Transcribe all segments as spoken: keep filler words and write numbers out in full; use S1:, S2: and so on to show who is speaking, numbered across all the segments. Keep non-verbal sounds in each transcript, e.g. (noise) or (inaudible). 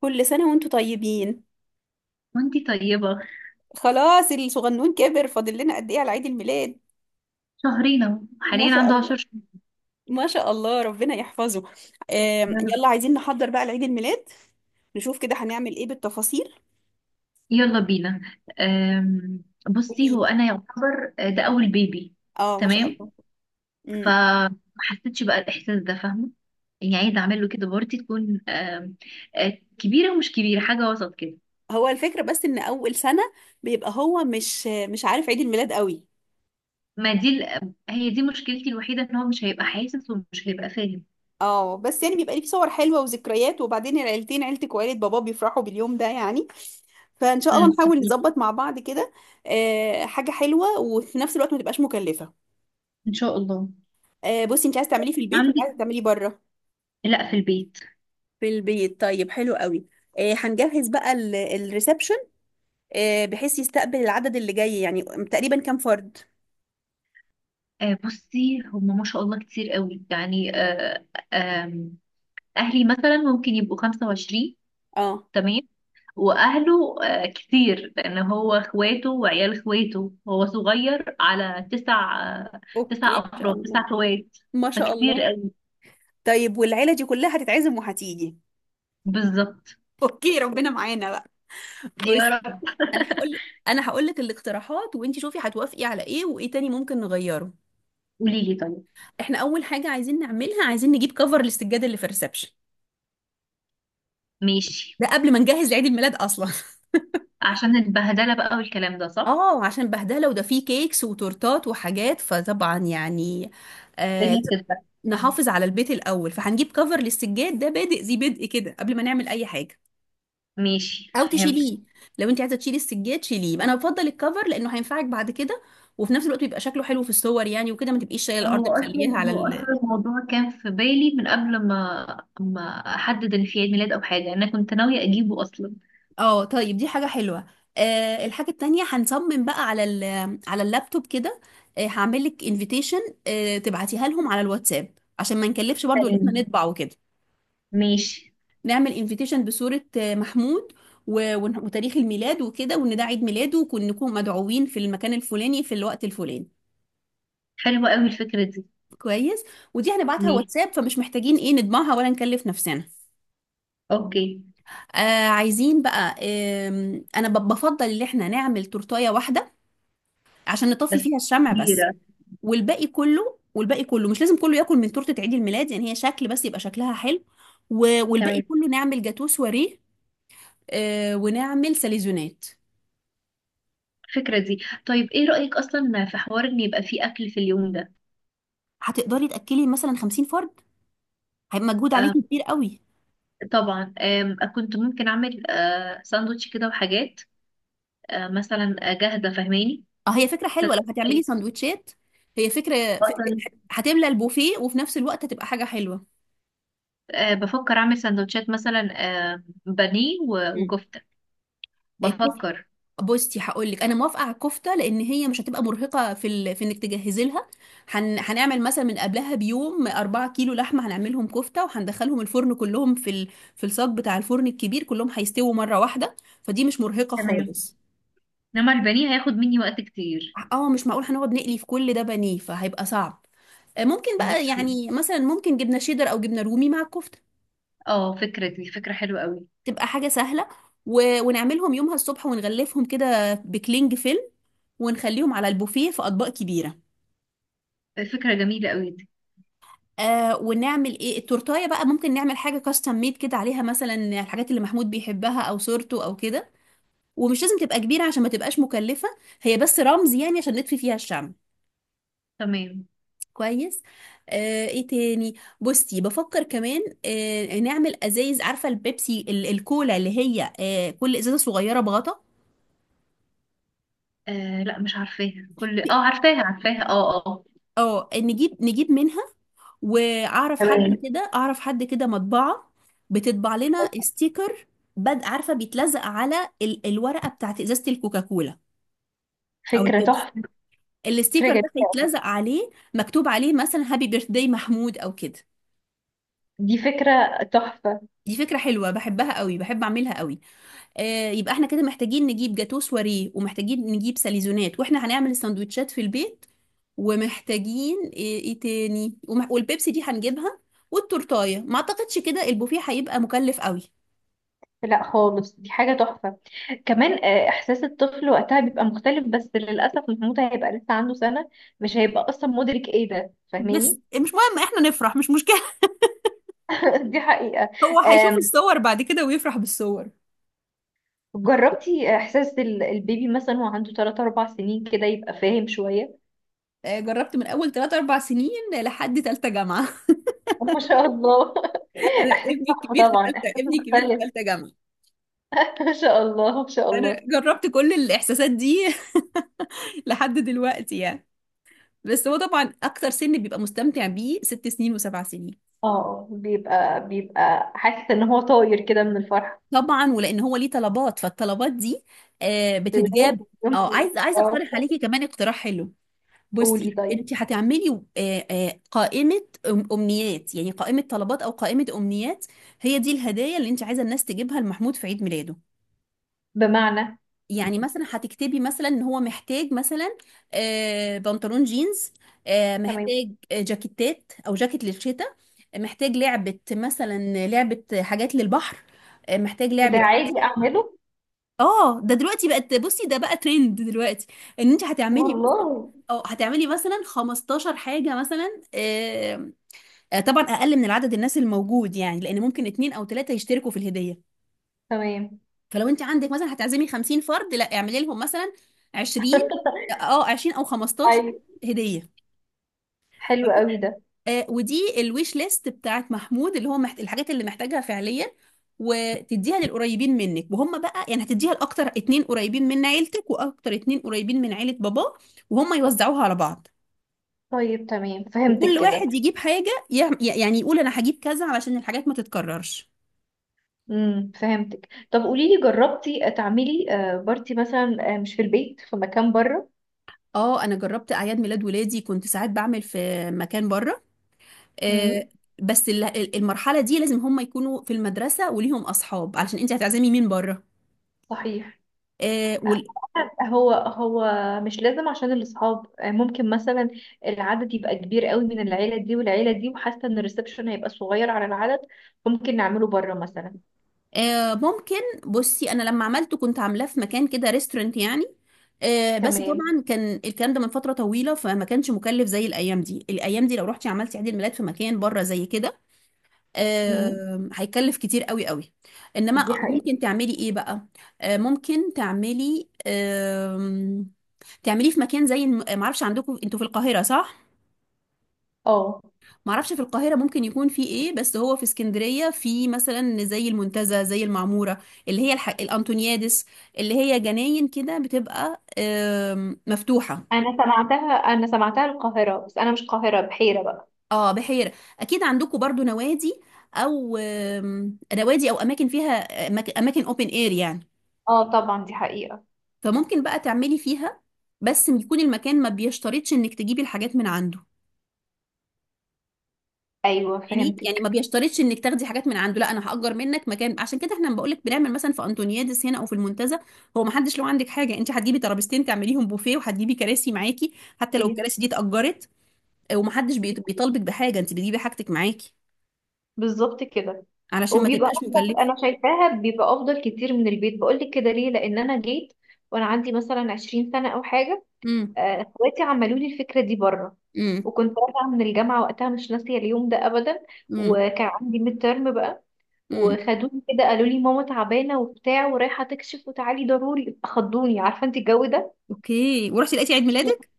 S1: كل سنة وانتوا طيبين.
S2: وانتي طيبة.
S1: خلاص الصغنون كبر، فاضل لنا قد ايه على عيد الميلاد؟
S2: شهرين اهو،
S1: ما
S2: حاليا
S1: شاء
S2: عنده عشر
S1: الله.
S2: شهور
S1: ما شاء الله، ربنا يحفظه. آم،
S2: يا رب.
S1: يلا عايزين نحضر بقى لعيد الميلاد. نشوف كده هنعمل ايه بالتفاصيل.
S2: يلا بينا. أم، بصي،
S1: قولي.
S2: هو انا يعتبر آه، ده اول بيبي.
S1: اه، ما شاء
S2: تمام.
S1: الله. امم.
S2: فما حسيتش بقى الاحساس ده، فاهمة؟ يعني عايزة اعمل له كده بارتي تكون آم، آه، كبيرة ومش كبيرة، حاجة وسط كده.
S1: هو الفكرة بس ان اول سنة بيبقى هو مش مش عارف عيد الميلاد قوي.
S2: ما دي ال- هي دي مشكلتي الوحيدة، ان هو مش هيبقى حاسس ومش هيبقى فاهم.
S1: اه، بس يعني بيبقى ليه صور حلوة وذكريات، وبعدين العيلتين عيلتك وعيلة بابا بيفرحوا باليوم ده يعني. فان شاء الله
S2: امم
S1: نحاول
S2: صحيح.
S1: نظبط مع بعض كده. آه، حاجة حلوة وفي نفس الوقت ما تبقاش مكلفة.
S2: ان شاء الله.
S1: آه، بصي، انت عايزه تعمليه في البيت ولا
S2: عندي.
S1: عايزه تعمليه بره؟
S2: لا، في البيت.
S1: في البيت؟ طيب، حلو قوي. آه هنجهز بقى ال- الريسبشن. آه بحيث يستقبل العدد اللي جاي، يعني تقريبا كام فرد؟
S2: آه بصي هم ما شاء الله كتير قوي يعني. آه اهلي مثلا ممكن يبقوا خمسة وعشرين.
S1: اه،
S2: تمام. واهله آه، كتير لان هو اخواته وعيال اخواته، هو صغير على تسع، آه،
S1: اوكي
S2: تسع
S1: ان شاء
S2: افراد، تسع
S1: الله.
S2: اخوات.
S1: ما شاء
S2: فكتير
S1: الله.
S2: قوي.
S1: طيب، والعيله دي كلها هتتعزم وهتيجي؟
S2: بالظبط.
S1: اوكي، ربنا معانا بقى.
S2: يا
S1: بس.
S2: رب.
S1: انا هقول لك انا هقول لك الاقتراحات وانت شوفي هتوافقي على ايه وايه تاني ممكن نغيره.
S2: قولي لي، طيب.
S1: احنا اول حاجه عايزين نعملها، عايزين نجيب كفر للسجاده اللي في الريسبشن.
S2: ماشي.
S1: ده قبل ما نجهز لعيد الميلاد اصلا (laughs)
S2: عشان البهدله بقى والكلام ده، صح.
S1: اه، عشان بهدله، وده فيه كيكس وتورتات وحاجات فطبعا يعني. آه
S2: الدنيا
S1: لازم
S2: بتتبهدل.
S1: نحافظ على البيت الاول، فهنجيب كفر للسجاد ده بادئ ذي بدء كده قبل ما نعمل اي حاجه.
S2: ماشي،
S1: او
S2: فهمت.
S1: تشيليه، لو انت عايزه تشيلي السجاد شيليه، انا بفضل الكفر لانه هينفعك بعد كده. وفي نفس الوقت بيبقى شكله حلو في الصور يعني، وكده ما تبقيش شايله الارض
S2: هو
S1: مخليها
S2: اصلا
S1: على...
S2: هو اصلا الموضوع كان في بالي من قبل ما ما احدد ان في عيد ميلاد او حاجه. انا كنت ناويه اجيبه اصلا.
S1: اه طيب، دي حاجة حلوة. آه الحاجة التانية هنصمم بقى على ال على اللابتوب كده. آه هعمل لك انفيتيشن. آه تبعتيها لهم على الواتساب عشان ما نكلفش برضو ان احنا
S2: تمام.
S1: نطبع وكده.
S2: ماشي.
S1: نعمل انفيتيشن بصورة آه محمود، و- ون- وتاريخ الميلاد وكده، وان ده عيد ميلاده وكون نكون مدعوين في المكان الفلاني في الوقت الفلاني.
S2: حلوة قوي الفكرة دي.
S1: كويس. ودي هنبعتها
S2: ماشي.
S1: واتساب، فمش محتاجين ايه نطبعها ولا نكلف نفسنا.
S2: اوكي.
S1: آه عايزين بقى آه انا ب- بفضل ان احنا نعمل تورتايه واحدة عشان نطفي
S2: بس
S1: فيها الشمع بس.
S2: كبيرة.
S1: والباقي كله والباقي كله مش لازم كله ياكل من تورته عيد الميلاد، يعني هي شكل بس يبقى شكلها حلو. و- والباقي
S2: تمام.
S1: كله نعمل جاتوه سواريه. آه، ونعمل ساليزونات.
S2: الفكرة دي. طيب، ايه رأيك اصلا في حوار ان يبقى فيه اكل في اليوم ده؟
S1: هتقدري تاكلي مثلا خمسين فرد؟ هيبقى مجهود
S2: آه
S1: عليكي كبير قوي.
S2: طبعا، آم، كنت ممكن اعمل آه ساندوتش كده وحاجات، آه مثلا آه، جاهزة، فاهماني؟
S1: اه، هي فكره حلوه لو هتعملي
S2: سندوتشات،
S1: سندوتشات. هي فكره. ف-
S2: اصلا.
S1: هتملى البوفيه، وفي نفس الوقت هتبقى حاجه حلوه.
S2: آه بفكر اعمل سندوتشات مثلا. آه بانيه و-
S1: مم.
S2: وكفتة. بفكر.
S1: بصي، هقول لك انا موافقه على الكفته، لان هي مش هتبقى مرهقه في ال... في انك تجهزي لها. هن... هنعمل مثلا من قبلها بيوم اربعة كيلو لحمه، هنعملهم كفته وهندخلهم الفرن كلهم في ال... في الصاج بتاع الفرن الكبير، كلهم هيستووا مره واحده. فدي مش مرهقه
S2: تمام.
S1: خالص.
S2: انما البانيه هياخد مني وقت كتير.
S1: اه، مش معقول هنقعد نقلي في كل ده بانيه فهيبقى صعب. آه، ممكن
S2: دي
S1: بقى
S2: كتير.
S1: يعني مثلا ممكن جبنه شيدر او جبنه رومي مع الكفته.
S2: اه، فكرة دي فكرة حلوة قوي.
S1: تبقى حاجه سهله. و... ونعملهم يومها الصبح ونغلفهم كده بكلينج فيلم، ونخليهم على البوفيه في اطباق كبيره.
S2: فكرة جميلة قوي دي.
S1: آه ونعمل ايه التورتايه بقى، ممكن نعمل حاجه كاستم ميد كده عليها، مثلا الحاجات اللي محمود بيحبها او صورته او كده. ومش لازم تبقى كبيره عشان ما تبقاش مكلفه، هي بس رمز يعني عشان نطفي فيها الشمع.
S2: تمام.
S1: كويس. آه ايه تاني؟ بصي، بفكر كمان آه نعمل ازايز، عارفه البيبسي ال- الكولا اللي هي آه كل ازازه صغيره بغطا.
S2: آه لا، مش عارفاها. كل اه عارفاها، عارفاها. اه، اه.
S1: اه، نجيب نجيب منها. واعرف حد
S2: تمام.
S1: كده اعرف حد كده مطبعة. بتطبع لنا ستيكر. بد عارفة بيتلزق على ال الورقة بتاعت ازازة الكوكاكولا او
S2: فكرة
S1: البيبسي.
S2: تحفة. فكرة
S1: الستيكر
S2: جميلة.
S1: ده هيتلزق عليه، مكتوب عليه مثلا هابي بيرث داي محمود او كده.
S2: دي فكرة تحفة.
S1: دي فكرة حلوة بحبها قوي، بحب اعملها قوي. آه، يبقى احنا كده محتاجين نجيب جاتو سواريه، ومحتاجين نجيب ساليزونات، واحنا هنعمل السندوتشات في البيت. ومحتاجين ايه, إيه تاني. ومح... والبيبسي دي هنجيبها. والتورتايه، ما اعتقدش كده البوفيه هيبقى مكلف قوي.
S2: لا خالص، دي حاجة تحفة. كمان آه، إحساس الطفل وقتها بيبقى مختلف، بس للأسف محمود هيبقى لسه عنده سنة. مش هيبقى أصلا مدرك إيه ده،
S1: بس
S2: فاهماني؟
S1: مش مهم احنا نفرح، مش مشكلة.
S2: (laughs) دي حقيقة.
S1: (laughs) هو هيشوف
S2: آم،
S1: الصور بعد كده ويفرح بالصور.
S2: جربتي إحساس ال- البيبي مثلا وهو عنده تلاتة اربعة سنين كده يبقى فاهم شوية؟
S1: آه، جربت من اول تلاتة اربع سنين لحد ثالثه جامعة (laughs)
S2: (laughs) ما شاء الله. (laughs)
S1: انا
S2: إحساس
S1: ابني
S2: تحفة
S1: الكبير في
S2: طبعا،
S1: ثالثه
S2: إحساس
S1: ابني الكبير في
S2: مختلف.
S1: ثالثه جامعة.
S2: (laughs) ما شاء الله، ما شاء
S1: انا
S2: الله.
S1: جربت كل الاحساسات دي (laughs) لحد دلوقتي يعني. بس هو طبعا اكتر سن بيبقى مستمتع بيه ست سنين وسبع سنين.
S2: اه، بيبقى بيبقى حاسس ان هو طاير كده من الفرحة.
S1: طبعا، ولان هو ليه طلبات فالطلبات دي آه
S2: (laughs)
S1: بتتجاب.
S2: لازم.
S1: اه،
S2: يوم-
S1: عايز عايز
S2: اه،
S1: اقترح عليكي كمان اقتراح حلو.
S2: قولي
S1: بصي
S2: طيب.
S1: انت هتعملي آه آه قائمه أم- امنيات يعني، قائمه طلبات او قائمه امنيات. هي دي الهدايا اللي انت عايزه الناس تجيبها لمحمود في عيد ميلاده.
S2: بمعنى؟
S1: يعني مثلا هتكتبي مثلا ان هو محتاج مثلا آه، بنطلون جينز، آه،
S2: تمام.
S1: محتاج آه، جاكيتات او جاكيت للشتاء، آه، محتاج لعبة مثلا لعبة حاجات للبحر، آه، محتاج
S2: وده
S1: لعبة
S2: عادي
S1: كذا.
S2: اعمله؟
S1: اه، ده دلوقتي بقت، بصي ده بقى ترند دلوقتي ان انت هتعملي.
S2: والله.
S1: اه، هتعملي مثلا خمستاشر حاجة مثلا، آه، آه، طبعا اقل من العدد الناس الموجود يعني، لان ممكن اتنين او تلاتة يشتركوا في الهدية.
S2: تمام.
S1: فلو انت عندك مثلا هتعزمي خمسين فرد، لا اعملي لهم مثلا عشرين، اه عشرين او خمستاشر
S2: ايوه.
S1: هدية.
S2: حلو قوي ده.
S1: آه، ودي الويش ليست بتاعت محمود اللي هو محت... الحاجات اللي محتاجها فعليا. وتديها للقريبين منك، وهم بقى يعني هتديها لاكتر اتنين قريبين من عيلتك واكتر اتنين قريبين من عيلة باباه، وهم يوزعوها على بعض.
S2: طيب، تمام، فهمتك
S1: وكل
S2: كده.
S1: واحد يجيب حاجة، يعم- يعني يقول انا هجيب كذا علشان الحاجات ما تتكررش.
S2: امم فهمتك. طب قولي لي، جربتي تعملي آه، بارتي مثلا آه، مش في البيت، في مكان بره؟
S1: اه، انا جربت اعياد ميلاد ولادي، كنت ساعات بعمل في مكان بره. آه،
S2: امم
S1: بس ال- ال- المرحلة دي لازم هم يكونوا في المدرسة وليهم أصحاب، علشان أنت هتعزمي مين بره؟
S2: صحيح.
S1: آه، وال-
S2: هو هو مش لازم، عشان الأصحاب ممكن مثلا العدد يبقى كبير قوي من العيلة دي والعيلة دي، وحاسة ان الريسبشن هيبقى صغير على العدد. ممكن نعمله بره مثلا.
S1: آه، ممكن. بصي أنا لما عملته كنت عاملاه في مكان كده ريستورنت يعني. آه، بس
S2: تمام.
S1: طبعا كان الكلام ده من فترة طويلة، فما كانش مكلف زي الأيام دي، الأيام دي لو رحتي عملتي عيد الميلاد في مكان بره زي كده
S2: امم
S1: آه، هيكلف كتير قوي قوي.
S2: دي
S1: إنما
S2: حقيقة.
S1: ممكن تعملي إيه بقى؟ آه، ممكن تعملي آم، تعمليه في مكان زي الم- معرفش، عندكم انتوا في القاهرة صح؟
S2: اه،
S1: معرفش في القاهرة ممكن يكون في ايه، بس هو في اسكندرية في مثلا زي المنتزه، زي المعمورة اللي هي الح... الأنتونيادس، اللي هي جناين كده بتبقى آم، مفتوحة.
S2: انا سمعتها انا سمعتها القاهرة. بس انا مش القاهرة، بحيرة بقى.
S1: اه، بحيرة. اكيد عندكم برضو نوادي، او آم، نوادي او اماكن فيها أماك- اماكن اوبن اير يعني.
S2: اه طبعا، دي حقيقة.
S1: فممكن بقى تعملي فيها، بس يكون المكان ما بيشترطش انك تجيبي الحاجات من عنده.
S2: ايوه،
S1: يعني يعني ما
S2: فهمتك.
S1: بيشترطش انك تاخدي حاجات من عنده، لا انا هأجر منك مكان، عشان كده احنا بقول لك بنعمل مثلا في انطونيادس هنا او في المنتزه. هو ما حدش له عندك حاجه، انت هتجيبي ترابيزتين تعمليهم بوفيه، وهتجيبي كراسي معاكي حتى لو
S2: هي
S1: الكراسي دي اتأجرت. ومحدش بيط-
S2: دي-
S1: بيطالبك بحاجه، انت بتجيبي حاجتك معاكي
S2: بالظبط كده.
S1: علشان ما
S2: وبيبقى
S1: تبقاش
S2: افضل،
S1: مكلفه.
S2: انا شايفاها بيبقى افضل كتير من البيت. بقولك كده ليه، لان انا جيت وانا عندي مثلا عشرين سنة او حاجة،
S1: امم.
S2: آه، اخواتي عملوا لي الفكره دي بره.
S1: امم.
S2: وكنت راجعه من الجامعه وقتها، مش ناسيه اليوم ده ابدا.
S1: امم.
S2: وكان عندي ميد ترم بقى،
S1: امم.
S2: وخدوني كده، قالوا لي ماما تعبانه وبتاع ورايحه تكشف وتعالي ضروري. خضوني، عارفه انت الجو ده.
S1: اوكي، ورحتي لقيتي عيد ميلادك.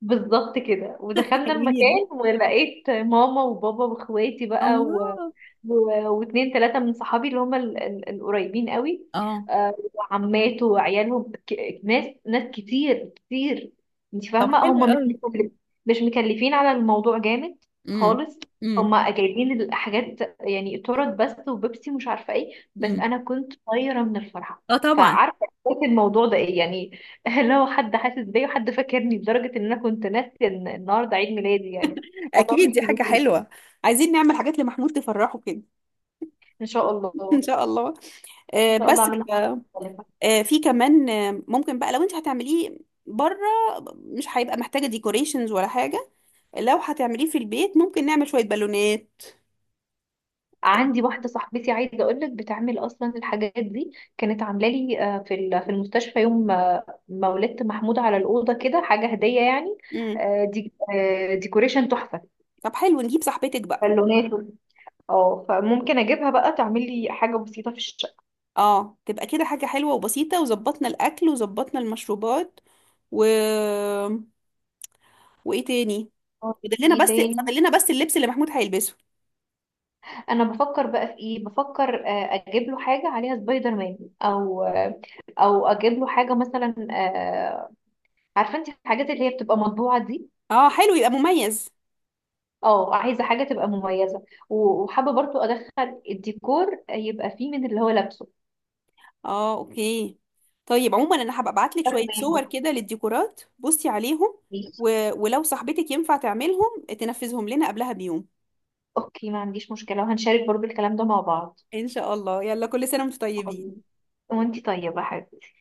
S2: بالظبط كده،
S1: (laughs)
S2: ودخلنا
S1: حلوين.
S2: المكان ولقيت ماما وبابا واخواتي بقى، و...
S1: الله.
S2: و... واتنين تلاتة من صحابي اللي هم ال... ال... القريبين قوي،
S1: اه،
S2: آه، وعماته وعيالهم، ك... ناس ناس كتير كتير. انت
S1: طب
S2: فاهمة؟
S1: حلو
S2: هم مش
S1: قوي.
S2: مكلف... مش مكلفين على الموضوع جامد
S1: امم.
S2: خالص.
S1: امم.
S2: هم جايبين الحاجات يعني تورت بس وبيبسي، مش عارفة ايه، بس
S1: امم.
S2: انا كنت طايرة من الفرحة.
S1: اه، طبعا.
S2: فعارفة إحساس الموضوع ده ايه يعني. (laughs) اللي هو حد حاسس بيا وحد فاكرني، لدرجة ان انا كنت ناسية ان النهاردة عيد ميلادي يعني. موضوع
S1: اكيد
S2: مش
S1: دي حاجه
S2: طبيعي.
S1: حلوه. عايزين نعمل حاجات لمحمود تفرحه كده.
S2: ان شاء
S1: (laughs) ان
S2: الله.
S1: شاء الله.
S2: ان
S1: آه،
S2: شاء
S1: بس
S2: الله اعملها
S1: ف-
S2: مختلفة.
S1: آه، في كمان آه، ممكن بقى لو انت هتعمليه بره مش هيبقى محتاجه ديكوريشنز ولا حاجه. لو هتعمليه في البيت ممكن نعمل شويه بالونات.
S2: عندي واحدة صاحبتي عايزة اقول لك، بتعمل اصلا الحاجات دي. كانت عاملة لي آه، في ال- في المستشفى يوم آه، ما ولدت محمود، على الأوضة كده حاجة هدية يعني.
S1: امم.
S2: آه، دي آه، ديكوريشن تحفة.
S1: طب، حلو نجيب صاحبتك بقى.
S2: بالونات و- اه، فممكن اجيبها بقى تعمل لي حاجة بسيطة في الشقة.
S1: اه، تبقى كده حاجه حلوه وبسيطه، وظبطنا الاكل وظبطنا المشروبات. و وايه تاني؟ فاضل لنا
S2: ايه
S1: بس
S2: تاني؟
S1: فاضل لنا بس اللبس اللي محمود هيلبسه.
S2: انا بفكر بقى في ايه. بفكر آه، اجيب له حاجه عليها سبايدر مان، او آه، او اجيب له حاجه مثلا آه، عارفه انت الحاجات اللي هي بتبقى مطبوعه دي.
S1: اه، حلو يبقى مميز.
S2: اه، عايزه حاجه تبقى مميزه، و- وحابه برضو ادخل الديكور يبقى فيه من اللي هو لابسه.
S1: اه، اوكي. طيب عموما انا هبقى ابعت لك شويه
S2: فاهمين
S1: صور
S2: قصدي؟
S1: كده للديكورات بصي عليهم، و... ولو صاحبتك ينفع تعملهم تنفذهم لنا قبلها بيوم.
S2: اوكي، ما عنديش مشكله وهنشارك برضو الكلام ده مع بعض.
S1: ان شاء الله، يلا كل سنه وانتم طيبين.
S2: أوكي. وانتي طيبه يا حبيبتي.